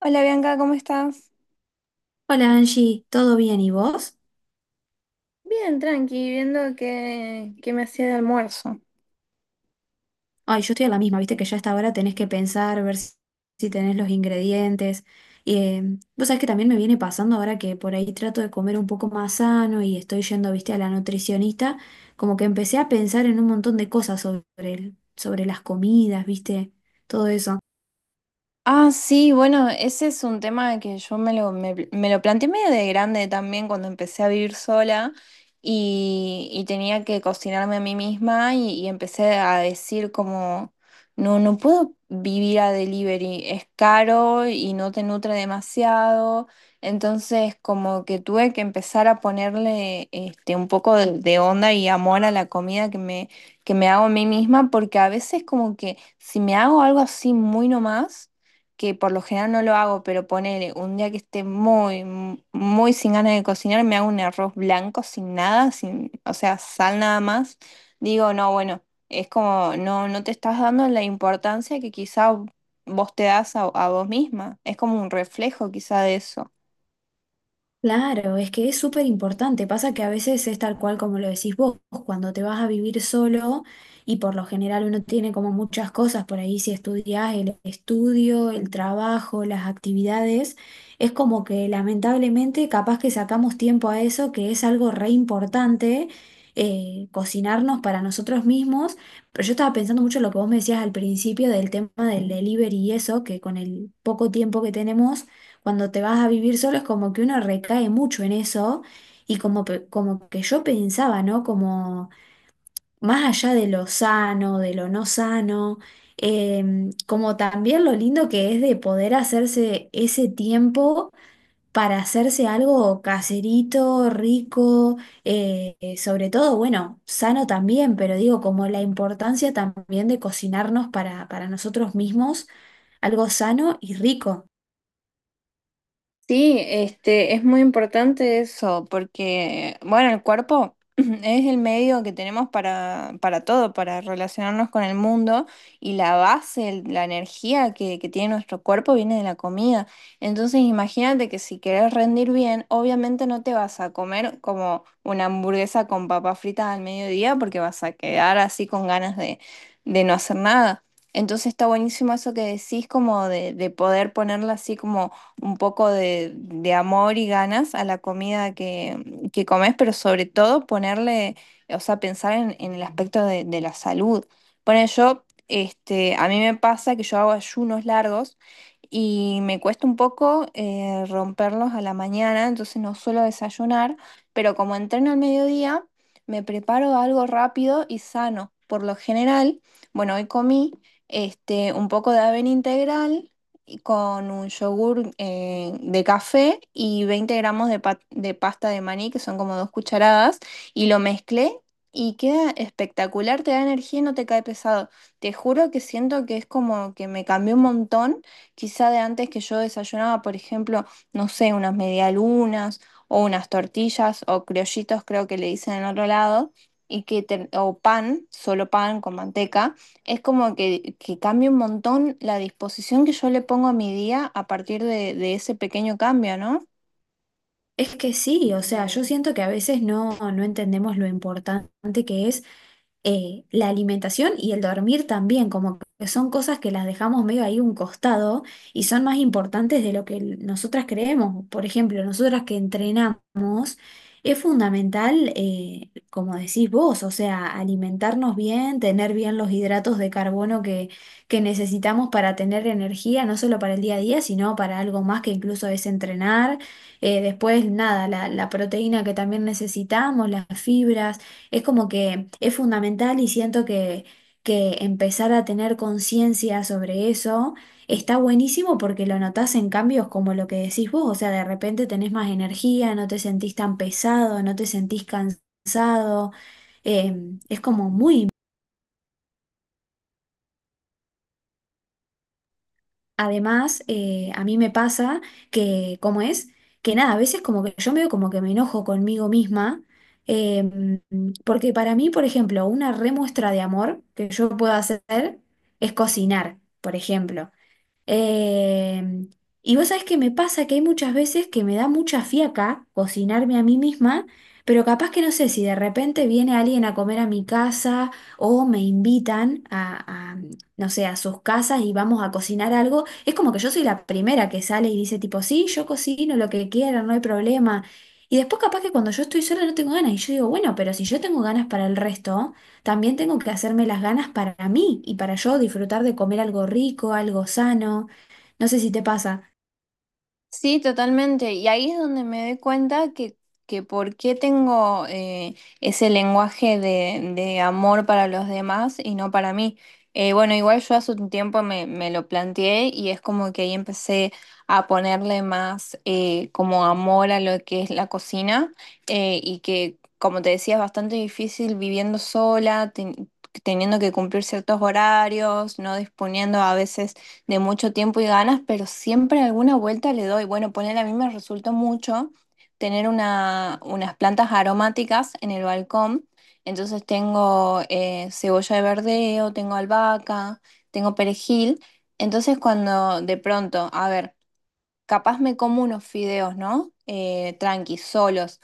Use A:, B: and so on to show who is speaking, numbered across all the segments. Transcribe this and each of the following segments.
A: Hola Bianca, ¿cómo estás?
B: Hola Angie, ¿todo bien y vos?
A: Bien, tranqui, viendo qué me hacía de almuerzo.
B: Ay, yo estoy a la misma, viste que ya hasta ahora tenés que pensar, ver si tenés los ingredientes. Y, eh, Vos sabés que también me viene pasando ahora que por ahí trato de comer un poco más sano y estoy yendo, viste, a la nutricionista, como que empecé a pensar en un montón de cosas sobre sobre las comidas, viste, todo eso.
A: Ah, sí, bueno, ese es un tema que yo me lo planteé medio de grande también cuando empecé a vivir sola y tenía que cocinarme a mí misma y empecé a decir como, no, no puedo vivir a delivery, es caro y no te nutre demasiado. Entonces, como que tuve que empezar a ponerle este, un poco de onda y amor a la comida que me hago a mí misma, porque a veces como que si me hago algo así muy nomás, que por lo general no lo hago. Pero ponele un día que esté muy sin ganas de cocinar, me hago un arroz blanco sin nada, sin, o sea, sal nada más. Digo, no, bueno, es como, no, no te estás dando la importancia que quizá vos te das a, vos misma. Es como un reflejo quizá de eso.
B: Claro, es que es súper importante. Pasa que a veces es tal cual como lo decís vos, cuando te vas a vivir solo y por lo general uno tiene como muchas cosas por ahí, si estudias el estudio, el trabajo, las actividades, es como que lamentablemente capaz que sacamos tiempo a eso, que es algo re importante, cocinarnos para nosotros mismos. Pero yo estaba pensando mucho en lo que vos me decías al principio del tema del delivery y eso, que con el poco tiempo que tenemos cuando te vas a vivir solo es como que uno recae mucho en eso y como, como que yo pensaba, ¿no? Como más allá de lo sano, de lo no sano, como también lo lindo que es de poder hacerse ese tiempo para hacerse algo caserito, rico, sobre todo, bueno, sano también, pero digo, como la importancia también de cocinarnos para nosotros mismos, algo sano y rico.
A: Sí, este, es muy importante eso, porque, bueno, el cuerpo es el medio que tenemos para todo, para relacionarnos con el mundo y la base, la energía que tiene nuestro cuerpo viene de la comida. Entonces, imagínate que si querés rendir bien, obviamente no te vas a comer como una hamburguesa con papas fritas al mediodía, porque vas a quedar así con ganas de, no hacer nada. Entonces está buenísimo eso que decís, como de, poder ponerla así como un poco de amor y ganas a la comida que comes, pero sobre todo ponerle, o sea, pensar en, el aspecto de la salud. Bueno, yo, este, a mí me pasa que yo hago ayunos largos y me cuesta un poco romperlos a la mañana, entonces no suelo desayunar, pero como entreno al mediodía, me preparo algo rápido y sano. Por lo general, bueno, hoy comí este, un poco de avena integral con un yogur de café y 20 g de pasta de maní, que son como 2 cucharadas, y lo mezclé y queda espectacular, te da energía y no te cae pesado. Te juro que siento que es como que me cambió un montón, quizá de antes que yo desayunaba, por ejemplo, no sé, unas medialunas o unas tortillas o criollitos, creo que le dicen en otro lado. O pan, solo pan con manteca. Es como que cambia un montón la disposición que yo le pongo a mi día a partir de ese pequeño cambio, ¿no?
B: Es que sí, o sea, yo siento que a veces no, no entendemos lo importante que es la alimentación y el dormir también, como que son cosas que las dejamos medio ahí un costado y son más importantes de lo que nosotras creemos. Por ejemplo, nosotras que entrenamos, es fundamental, como decís vos, o sea, alimentarnos bien, tener bien los hidratos de carbono que necesitamos para tener energía, no solo para el día a día, sino para algo más que incluso es entrenar. Después, nada, la proteína que también necesitamos, las fibras, es como que es fundamental y siento que empezar a tener conciencia sobre eso está buenísimo porque lo notás en cambios como lo que decís vos, o sea, de repente tenés más energía, no te sentís tan pesado, no te sentís cansado, eh, es como muy. Además, a mí me pasa que, ¿cómo es? Que nada, a veces como que yo me veo como que me enojo conmigo misma, eh, porque para mí, por ejemplo, una remuestra de amor que yo puedo hacer es cocinar, por ejemplo. Em, y vos sabés que me pasa que hay muchas veces que me da mucha fiaca cocinarme a mí misma, pero capaz que no sé si de repente viene alguien a comer a mi casa o me invitan a no sé, a sus casas y vamos a cocinar algo. Es como que yo soy la primera que sale y dice tipo, sí, yo cocino lo que quieran, no hay problema. Y después capaz que cuando yo estoy sola no tengo ganas y yo digo, bueno, pero si yo tengo ganas para el resto también tengo que hacerme las ganas para mí y para yo disfrutar de comer algo rico, algo sano. No sé si te pasa.
A: Sí, totalmente. Y ahí es donde me doy cuenta que, por qué tengo ese lenguaje de amor para los demás y no para mí. Bueno, igual yo hace un tiempo me lo planteé y es como que ahí empecé a ponerle más como amor a lo que es la cocina y que, como te decía, es bastante difícil viviendo sola, teniendo que cumplir ciertos horarios, no disponiendo a veces de mucho tiempo y ganas, pero siempre alguna vuelta le doy. Bueno, poner, a mí me resultó mucho tener unas plantas aromáticas en el balcón. Entonces tengo cebolla de verdeo, tengo albahaca, tengo perejil. Entonces cuando de pronto, a ver, capaz me como unos fideos, ¿no? Tranquis, solos.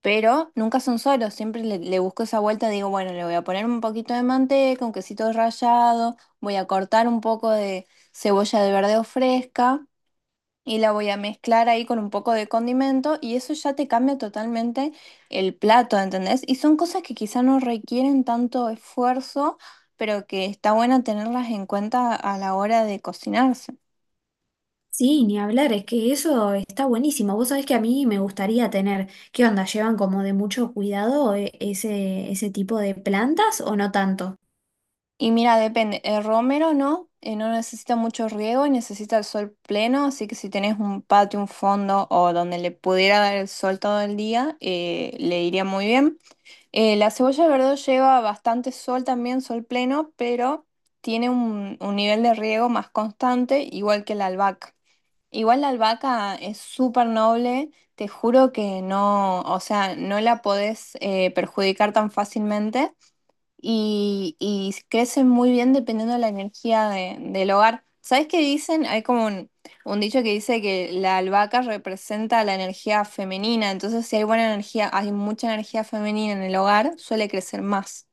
A: Pero nunca son solos, siempre le busco esa vuelta. Digo, bueno, le voy a poner un poquito de manteca, un quesito rallado, voy a cortar un poco de cebolla de verdeo fresca y la voy a mezclar ahí con un poco de condimento y eso ya te cambia totalmente el plato, ¿entendés? Y son cosas que quizá no requieren tanto esfuerzo, pero que está bueno tenerlas en cuenta a la hora de cocinarse.
B: Sí, ni hablar, es que eso está buenísimo. Vos sabés que a mí me gustaría tener, ¿qué onda? ¿Llevan como de mucho cuidado ese tipo de plantas o no tanto?
A: Y mira, depende. El romero no, no necesita mucho riego y necesita el sol pleno, así que si tenés un patio, un fondo o donde le pudiera dar el sol todo el día, le iría muy bien. La cebolla de verdeo lleva bastante sol también, sol pleno, pero tiene un, nivel de riego más constante, igual que la albahaca. Igual la albahaca es súper noble, te juro que no, o sea, no la podés perjudicar tan fácilmente y crecen muy bien dependiendo de la energía del hogar. ¿Sabes qué dicen? Hay como un dicho que dice que la albahaca representa la energía femenina, entonces si hay buena energía, hay mucha energía femenina en el hogar, suele crecer más.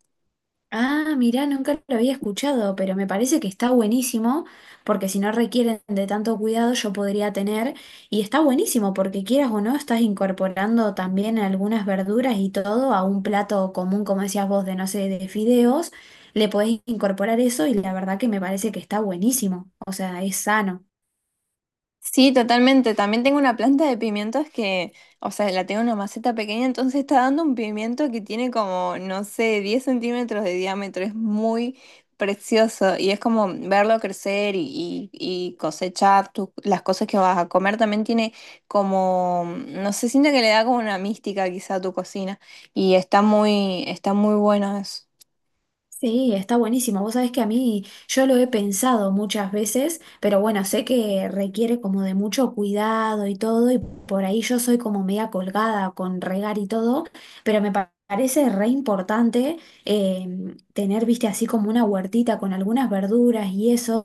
B: Ah, mirá, nunca lo había escuchado, pero me parece que está buenísimo, porque si no requieren de tanto cuidado, yo podría tener, y está buenísimo, porque quieras o no, estás incorporando también algunas verduras y todo a un plato común, como decías vos, de no sé, de fideos, le podés incorporar eso y la verdad que me parece que está buenísimo, o sea, es sano.
A: Sí, totalmente. También tengo una planta de pimientos que, o sea, la tengo en una maceta pequeña, entonces está dando un pimiento que tiene como, no sé, 10 cm de diámetro. Es muy precioso y es como verlo crecer y cosechar las cosas que vas a comer. También tiene como, no sé, siento que le da como una mística quizá a tu cocina y está muy bueno eso.
B: Sí, está buenísimo. Vos sabés que a mí yo lo he pensado muchas veces, pero bueno, sé que requiere como de mucho cuidado y todo, y por ahí yo soy como media colgada con regar y todo, pero parece re importante eh, tener, viste, así como una huertita con algunas verduras y eso,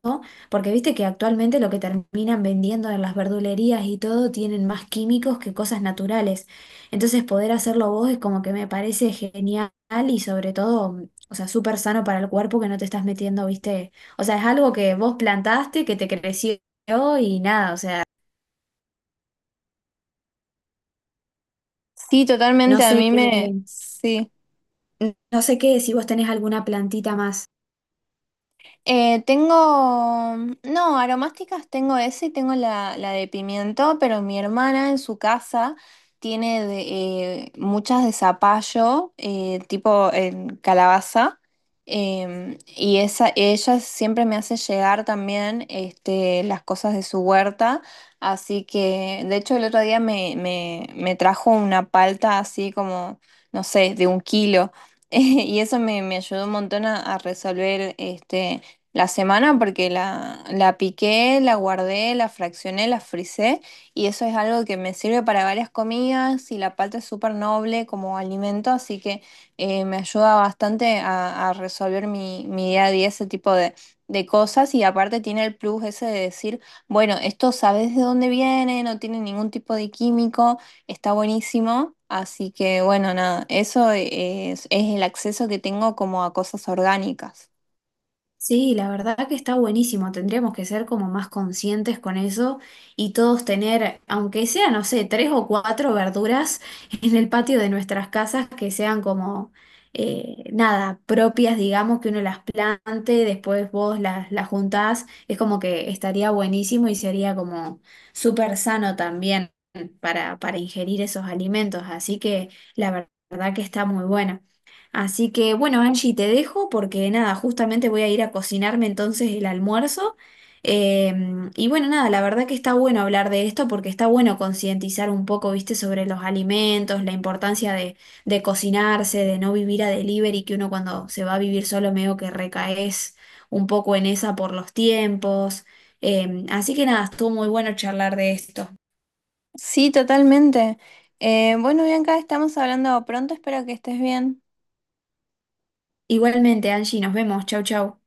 B: porque viste que actualmente lo que terminan vendiendo en las verdulerías y todo tienen más químicos que cosas naturales. Entonces poder hacerlo vos es como que me parece genial y sobre todo... O sea, súper sano para el cuerpo que no te estás metiendo, ¿viste? O sea, es algo que vos plantaste, que te creció y nada, o sea,
A: Sí,
B: no
A: totalmente.
B: sé qué,
A: Sí.
B: no sé qué, si vos tenés alguna plantita más.
A: Eh, tengo, no, aromásticas tengo ese y tengo la de pimiento, pero mi hermana en su casa tiene muchas de zapallo, tipo en calabaza, y esa, ella siempre me hace llegar también este, las cosas de su huerta, así que de hecho el otro día me trajo una palta así como, no sé, de 1 kilo, y eso me, me ayudó un montón a resolver este la semana, porque la piqué, la guardé, la fraccioné, la frisé y eso es algo que me sirve para varias comidas, y la palta es súper noble como alimento, así que me ayuda bastante a resolver mi día a día ese tipo de cosas. Y aparte tiene el plus ese de decir, bueno, esto sabes de dónde viene, no tiene ningún tipo de químico, está buenísimo, así que bueno, nada, eso es el acceso que tengo como a cosas orgánicas.
B: Sí, la verdad que está buenísimo. Tendríamos que ser como más conscientes con eso y todos tener, aunque sea, no sé, tres o cuatro verduras en el patio de nuestras casas que sean como, nada, propias, digamos, que uno las plante, después vos las juntás. Es como que estaría buenísimo y sería como súper sano también para ingerir esos alimentos. Así que verdad que está muy bueno. Así que bueno, Angie, te dejo porque nada, justamente voy a ir a cocinarme entonces el almuerzo. Y bueno, nada, la verdad que está bueno hablar de esto porque está bueno concientizar un poco, viste, sobre los alimentos, la importancia de cocinarse, de no vivir a delivery, que uno cuando se va a vivir solo medio que recaes un poco en esa por los tiempos. Así que nada, estuvo muy bueno charlar de esto.
A: Sí, totalmente. Bueno, Bianca, estamos hablando pronto, espero que estés bien.
B: Igualmente, Angie, nos vemos. Chau, chau.